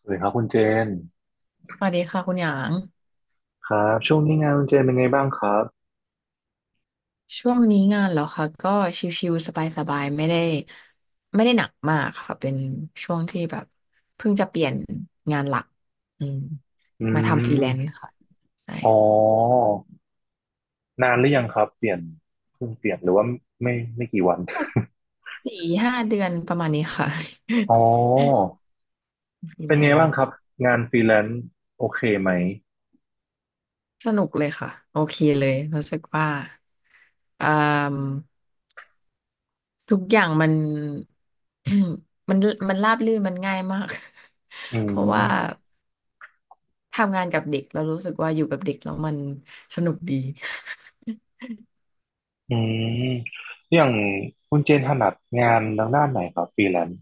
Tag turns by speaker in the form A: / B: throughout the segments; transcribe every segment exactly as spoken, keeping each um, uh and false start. A: สวัสดีครับคุณเจน
B: สวัสดีค่ะคุณหยาง
A: ครับช่วงนี้งานคุณเจนเป็นไงบ้างครับ
B: ช่วงนี้งานเหรอคะก็ชิวๆสบายๆไม่ได้ไม่ได้หนักมากค่ะเป็นช่วงที่แบบเพิ่งจะเปลี่ยนงานหลักอืม
A: อื
B: มาทำฟรี
A: ม
B: แลนซ์ค่ะใช่
A: อ๋อนานหรือยังครับเปลี่ยนเพิ่งเปลี่ยนหรือว่าไม่ไม่กี่วัน
B: แบบสี่ห้าเดือนประมาณนี้ค่ะ
A: อ๋อ
B: ฟรี
A: เป็
B: แล
A: นไง
B: น
A: บ้า
B: ซ์
A: งครับงานฟรีแลนซ์โอเคไหม
B: สนุกเลยค่ะโอเคเลยรู้สึกว่าอ่ามทุกอย่างมัน มันมันราบรื่นมันง่ายมาก
A: อื
B: เพราะว่า
A: ม
B: ทำงานกับเด็กเรารู้สึกว่าอยู่กับเด็กแล้วมันสนุกดี
A: อืมอย่างคุณเจนถนัดงานทางด้านไหนครับฟรีแลนซ์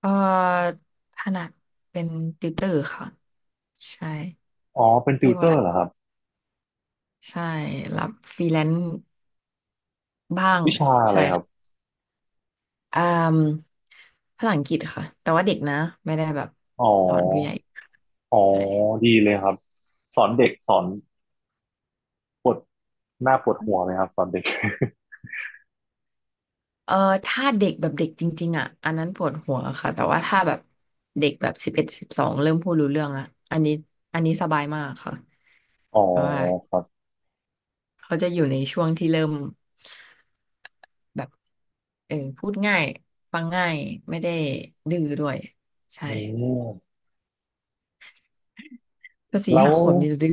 B: เอ่อถนัดเป็นติวเตอร์ค่ะใช่
A: อ๋อเป็นติ
B: เรีย
A: ว
B: ก
A: เต
B: ว่า
A: อ
B: ถนั
A: ร์เหรอค
B: ด
A: รับ
B: ใช่รับฟรีแลนซ์บ้าง
A: วิชาอะไร
B: ใช่
A: ครับ
B: ค่ะอ่ามภาษาอังกฤษค่ะแต่ว่าเด็กนะไม่ได้แบบ
A: อ๋อ
B: สอนผู้ใหญ่
A: อ๋อ
B: ใช่
A: ดีเลยครับสอนเด็กสอนปวดหน้าปวดหัวไหมครับสอนเด็ก
B: เอ่อถ้าเด็กแบบเด็กจริงๆอ่ะอันนั้นปวดหัวค่ะแต่ว่าถ้าแบบเด็กแบบสิบเอ็ดสิบสองเริ่มพูดรู้เรื่องอ่ะอันนี้อันนี้สบายมากค่ะ
A: อ๋อ
B: เพราะว่า
A: ครับ
B: เขาจะอยู่ในช่วงที่เริ่มแบบเออพูดง่ายฟังง่ายไม่ได้ดื้อด้วยใช่
A: อืม
B: ก็สี่
A: แล้
B: ห้า
A: ว
B: ขวบนี่จะดื้อ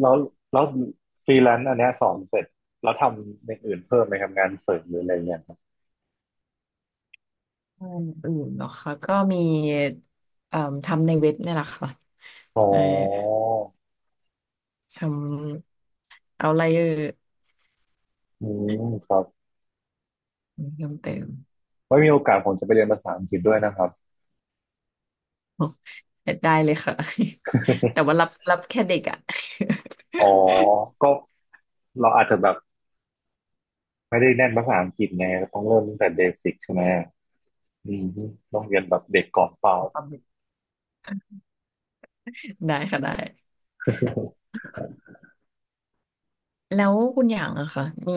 A: แล้วแล้วฟรีแลนซ์อันเนี้ยสอนเสร็จแล้วทำอย่างอื่นเพิ่มไหมครับงานเสริมหรืออะไรอย่างเงี้ยครับ
B: งานอื่นเหรอคะก็มีเอ่อทำในเว็บเนี่ยแหละค่ะ
A: อ๋
B: ใช่
A: อ
B: ทำเอาไลเออร์
A: อืมครับ
B: เพิ่มเติม
A: ไว้มีโอกาสผมจะไปเรียนภาษาอังกฤษด้วยนะครับ
B: อ๋อได้เลยค่ะ แต่ว่ารับรับแค่เด็กอะ
A: อ๋อก็เราอาจจะแบบไม่ได้แน่นภาษาอังกฤษไงเราต้องเริ่มตั้งแต่เบสิกใช่ไหมอืมต้องเรียนแบบเด็กก่อนเป ล่า
B: เอาความเด็ก ได้ค่ะได้แล้วคุณอย่างอะค่ะมี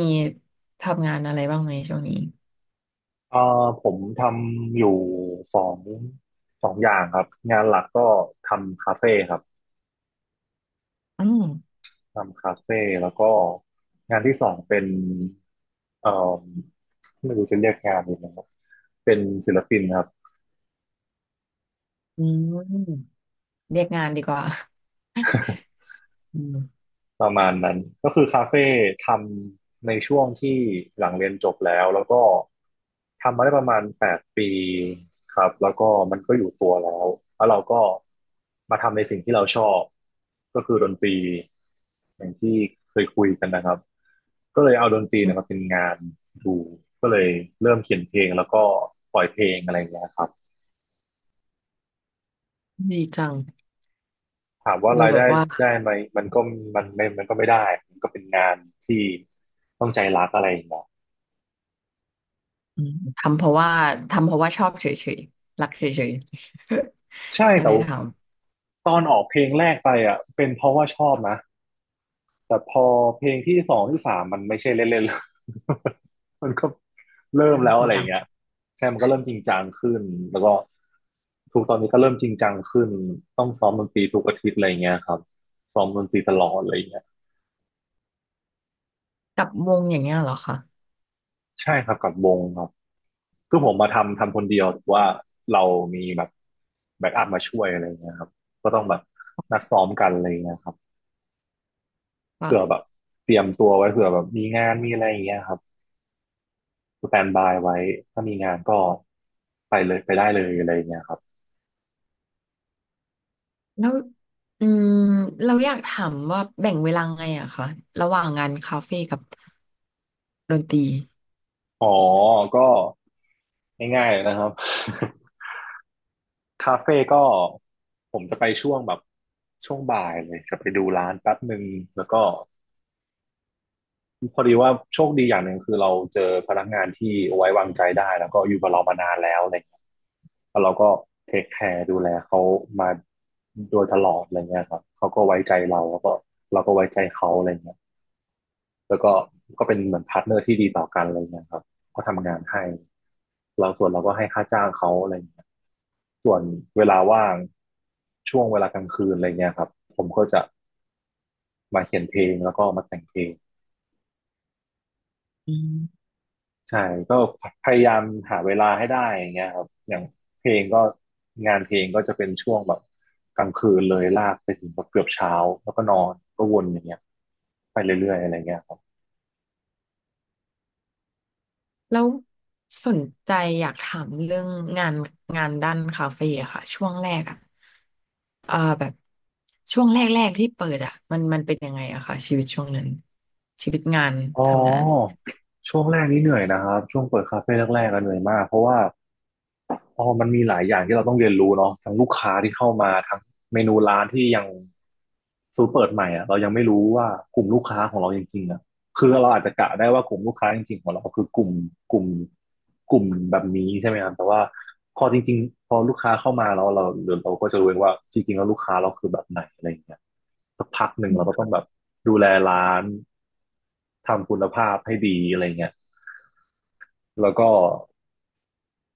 B: ทำงานอะไรบ้างไหมช่วงนี้
A: เอ่อผมทำอยู่สองสองอย่างครับงานหลักก็ทำคาเฟ่ครับ
B: อืม
A: ทำคาเฟ่แล้วก็งานที่สองเป็นเอ่อไม่รู้จะเรียกงานยังไงครับเป็นศิลปินครับ
B: อืม เรียกงานดีกว่าอืม
A: ประมาณนั้นก็คือคาเฟ่ทำในช่วงที่หลังเรียนจบแล้วแล้วก็ทำมาได้ประมาณแปดปีครับแล้วก็มันก็อยู่ตัวแล้วแล้วเราก็มาทำในสิ่งที่เราชอบก็คือดนตรีอย่างที่เคยคุยกันนะครับก็เลยเอาดนตรีเนะมาเป็นงานดูก็เลยเริ่มเขียนเพลงแล้วก็ปล่อยเพลงอะไรอย่างเงี้ยครับ
B: ดีจัง
A: ถามว่า
B: ดู
A: ราย
B: แบบ
A: ได้
B: ว่า
A: ได้ไหมมันก็มันไม่มันก็ไม่ได้มันก็เป็นงานที่ต้องใจรักอะไรอย่างเงี้ย
B: อืมทำเพราะว่าทำเพราะว่าชอบเฉยๆรักเฉยๆ
A: ใช่
B: ก็
A: แต่
B: เลย
A: ว่า
B: ท
A: ตอนออกเพลงแรกไปอ่ะเป็นเพราะว่าชอบนะแต่พอเพลงที่สองที่สามมันไม่ใช่เล่นๆแล้ว มันก็เริ่
B: ำ
A: ม
B: เรื่อง
A: แล้ว
B: จริ
A: อะ
B: ง
A: ไรอ
B: จั
A: ย่าง
B: ง
A: เงี้ยใช่มันก็เริ่มจริงจังขึ้นแล้วก็ทุกตอนนี้ก็เริ่มจริงจังขึ้นต้องซ้อมดนตรีทุกอาทิตย์อะไรอย่างเงี้ยครับซ้อมดนตรีตลอดอะไรอย่างเงี้ย
B: กับวงอย่างเงี้ยเหรอคะ
A: ใช่ครับกับวงครับคือผมมาทำทำคนเดียวแต่ว่าเรามีแบบแบ็กอัพมาช่วยอะไรอย่างเงี้ยครับก็ต้องแบบนัดซ้อมกันอะไรอย่างเงี้ยครับ เผื่อแบ
B: ว่า
A: บเตรียมตัวไว้เผื่อแบบมีงานมีอะไรอย่างเงี้ยครับสแตนบายไว้ถ้ามีงานก็ไปเลยไปได้เลยอะไรอย่างเงี้ยครับ
B: แล้วอืมเราอยากถามว่าแบ่งเวลาไงอะคะระหว่างงานคาเฟ่กับดนตรี
A: อ๋อก็ง่ายๆเลยนะครับคาเฟ่ก็ผมจะไปช่วงแบบช่วงบ่ายเลยจะไปดูร้านแป๊บหนึ่งแล้วก็ พอดีว่าโชคดีอย่างหนึ่งคือเราเจอพนักงานที่ไว้วางใจได้แล้วก็อยู่กับเรามานานแล้วอะไรเงี้ยแล้วเราก็เทคแคร์ดูแลเขามาโดยตลอดอะไรเงี้ยครับเขาก็ไว้ใจเราแล้วก็เราก็ไว้ใจเขาอะไรเงี้ยแล้วก็ก็เป็นเหมือนพาร์ทเนอร์ที่ดีต่อกันอะไรเงี้ยครับก็ทำงานให้เราส่วนเราก็ให้ค่าจ้างเขาอะไรเงี้ยส่วนเวลาว่างช่วงเวลากลางคืนอะไรเงี้ยครับผมก็จะมาเขียนเพลงแล้วก็มาแต่งเพลง ใช่ก็พยายามหาเวลาให้ได้อย่างเงี้ยครับอย่างเพลงก็งานเพลงก็จะเป็นช่วงแบบกลางคืนเลยลากไปถึงแบบเกือบเช้าแล้วก็นอนก็วนอย่างเงี้ยไปเรื่อยๆอะไรเงี้ยครับ
B: แล้วสนใจอยากถามเรื่องงานงานด้านคาเฟ่อะค่ะช่วงแรกอะเอ่อแบบช่วงแรกๆที่เปิดอะมันมันเป็นยังไงอะค่ะชีวิตช่วงนั้นชีวิตงาน
A: อ๋อ
B: ทำงาน
A: ช่วงแรกนี่เหนื่อยนะครับช่วงเปิดคาเฟ่แรกๆก็เหนื่อยมากเพราะว่า อ๋อมันมีหลายอย่างที่เราต้องเรียนรู้เนาะทั้งลูกค้าที่เข้ามาทั้งเมนูร้านที่ยังสูตรเปิดใหม่อ่ะเรายังไม่รู้ว่ากลุ่มลูกค้าของเราจริงๆอ่ะคือเราอาจจะกะได้ว่ากลุ่มลูกค้าจริงๆของเราคือกลุ่มกลุ่มกลุ่มแบบนี้ใช่ไหมครับแต่ว่าพอจริงๆพอลูกค้าเข้ามาแล้วเราเดี๋ยวเราก็จะรู้เองว่าจริงๆแล้วลูกค้าเราคือแบบไหนอะไรอย่างเงี้ยสักพักหนึ่ง
B: อื
A: เราก็ต้
B: ม
A: องแบบดูแลร้านทำคุณภาพให้ดีอะไรเงี้ยแล้วก็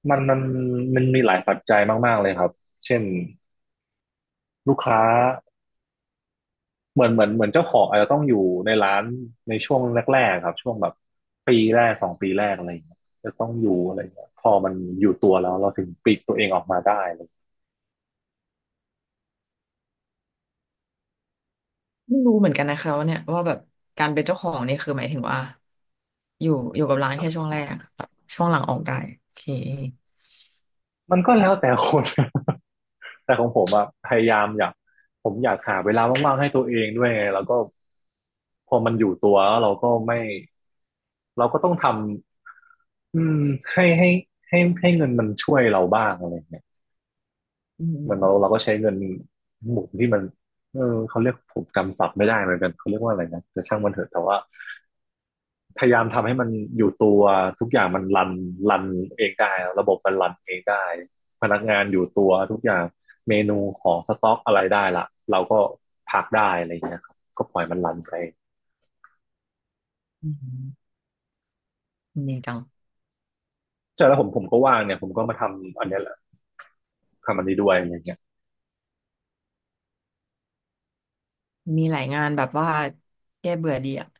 A: มันมันมันมีหลายปัจจัยมากๆเลยครับเช่นลูกค้าเหมือนเหมือนเหมือนเจ้าของอาจจะต้องอยู่ในร้านในช่วงแรกๆครับช่วงแบบปีแรกสองปีแรกอะไรอย่างเงี้ยจะต้องอยู่อะไรอย่างเงี้ยพอมันอยู่ตัวแล้วเราถึงปลีกตัวเองออกมาได้อะไรอย่างเงี้ย
B: ไม่รู้เหมือนกันนะคะว่าเนี่ยว่าแบบการเป็นเจ้าของเนี่ยคือหมายถึงว่าอยู่อยู่กับร้านแค่ช่วงแรกแบบช่วงหลังออกได้โอเค
A: มันก็แล้วแต่คน แต่ของผมอะพยายามอยากผมอยากหาเวลาว่างๆให้ตัวเองด้วยไงแล้วก็พอมันอยู่ตัวแล้วเราก็ไม่เราก็ต้องทำอืมให้ให้ให้ให้เงินมันช่วยเราบ้างอะไรอย่างเงี้ย
B: อืม
A: เหมือนเราเราก็ใช้
B: ค่ะ
A: เงินหมุนที่มันเออเขาเรียกผมจำศัพท์ไม่ได้เหมือนกันเขาเรียกว่าอะไรนะแต่ช่างมันเถอะแต่ว่าพยายามทำให้มันอยู่ตัวทุกอย่างมันรันรันเองได้ระบบมันรันเองได้พนักงานอยู่ตัวทุกอย่างเมนูของสต็อกอะไรได้ละเราก็พักได้อะไรอย่างเงี้ยครับก็ปล่อยมันรันไป
B: อืมดีจัง
A: ใช่แล้วผมผมก็ว่างเนี่ยผมก็มาทำอันเนี้ยแหละทำอันนี้ด้วยอะไรเงี้ย
B: มีหลายงานแบบว่าแก้เบื่อดีอะ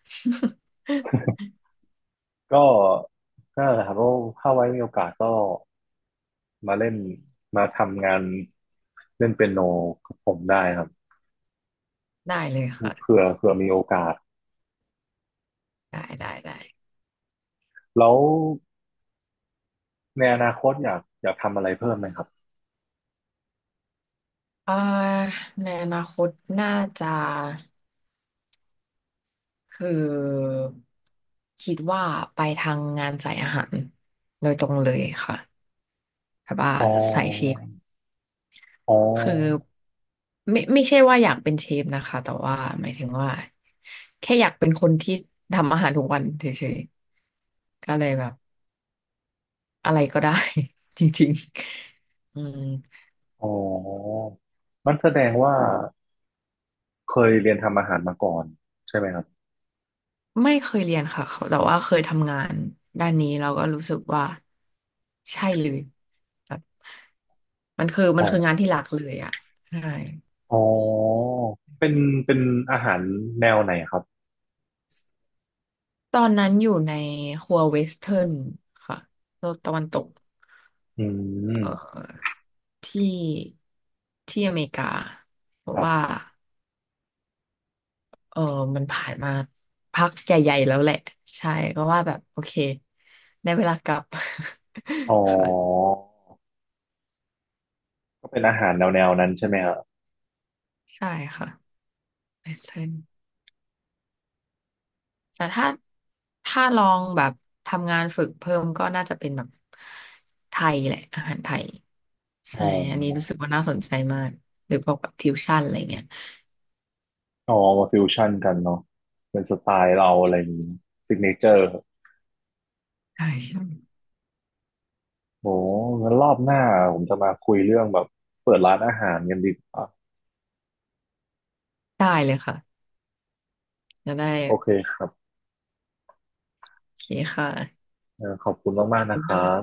A: ก็ก็นั่นแหละครับก็ถ้าไว้มีโอกาสก็ มาเล่นมาทำงานเล่นเปียโนกับผมได้ครับ
B: ได้เลย
A: เผื่
B: ค่ะ
A: อเผื่อมีโอกาส
B: ได้ได้ได้
A: แล้วในอนาคตอยากอยากทำอะไรเพิ่มไหมครับ
B: เอ่อในอนาคตน่าจะคือคิดว่าไปทางงานสายอาหารโดยตรงเลยค่ะแบบว่า
A: อ๋อ
B: สายเชฟ
A: อ๋
B: คือ
A: อ
B: ไม่ไม่ใช่ว่าอยากเป็นเชฟนะคะแต่ว่าหมายถึงว่าแค่อยากเป็นคนที่ทำอาหารทุกวันเฉยๆก็เลยแบบอะไรก็ได้ จริงๆอืม
A: อ๋อมันแสดงว่าเคยเรียนทำอาหารมาก่อนใช่ไหมครับ
B: ไม่เคยเรียนค่ะเขาแต่ว่าเคยทำงานด้านนี้เราก็รู้สึกว่าใช่เลยแบบมันคือมั
A: อ๋
B: น
A: อ
B: คืองานที่หลักเลยอ่ะใช่
A: อ๋อเป็นเป็นอาหารแนวไหนครับ
B: ตอนนั้นอยู่ในครัวเวสเทิร์นค่ะโลกตะวันตก
A: อืม
B: เอ่อที่ที่อเมริกาเพ
A: ค
B: ราะ
A: รั
B: ว่า
A: บ
B: เออมันผ่านมาพักใหญ่ๆแล้วแหละใช่ก็ว่าแบบโอเคในเวลากลับ
A: อ๋อ
B: ค่ะ
A: ก็เป็นอาหารแนวแนวนั้นใช่ไหมครับ
B: ใช่ค่ะเวสเทิร์น แต่ถ้าถ้าลองแบบทำงานฝึกเพิ่มก็น่าจะเป็นแบบไทยแหละอาหารไทย
A: อ๋
B: ใช่
A: อ
B: อันนี้รู้สึกว่าน่าสนใจมากหรือพวกแบบฟิวชั่นอะไรเงี้ย
A: อ๋อ มาฟิวชั่นกันเนาะเป็นสไตล์เราอะไรอย่างนี้ซิกเนเจอร์
B: ใช่ใช่
A: โอ้งั้นรอบหน้าผมจะมาคุยเรื่องแบบเปิดร้านอาหารกันดีกว่า
B: ได้เลยค่ะจะได้
A: โอเคครับ
B: โอเคค่ะ
A: เอ่อขอบคุณมากๆนะครับ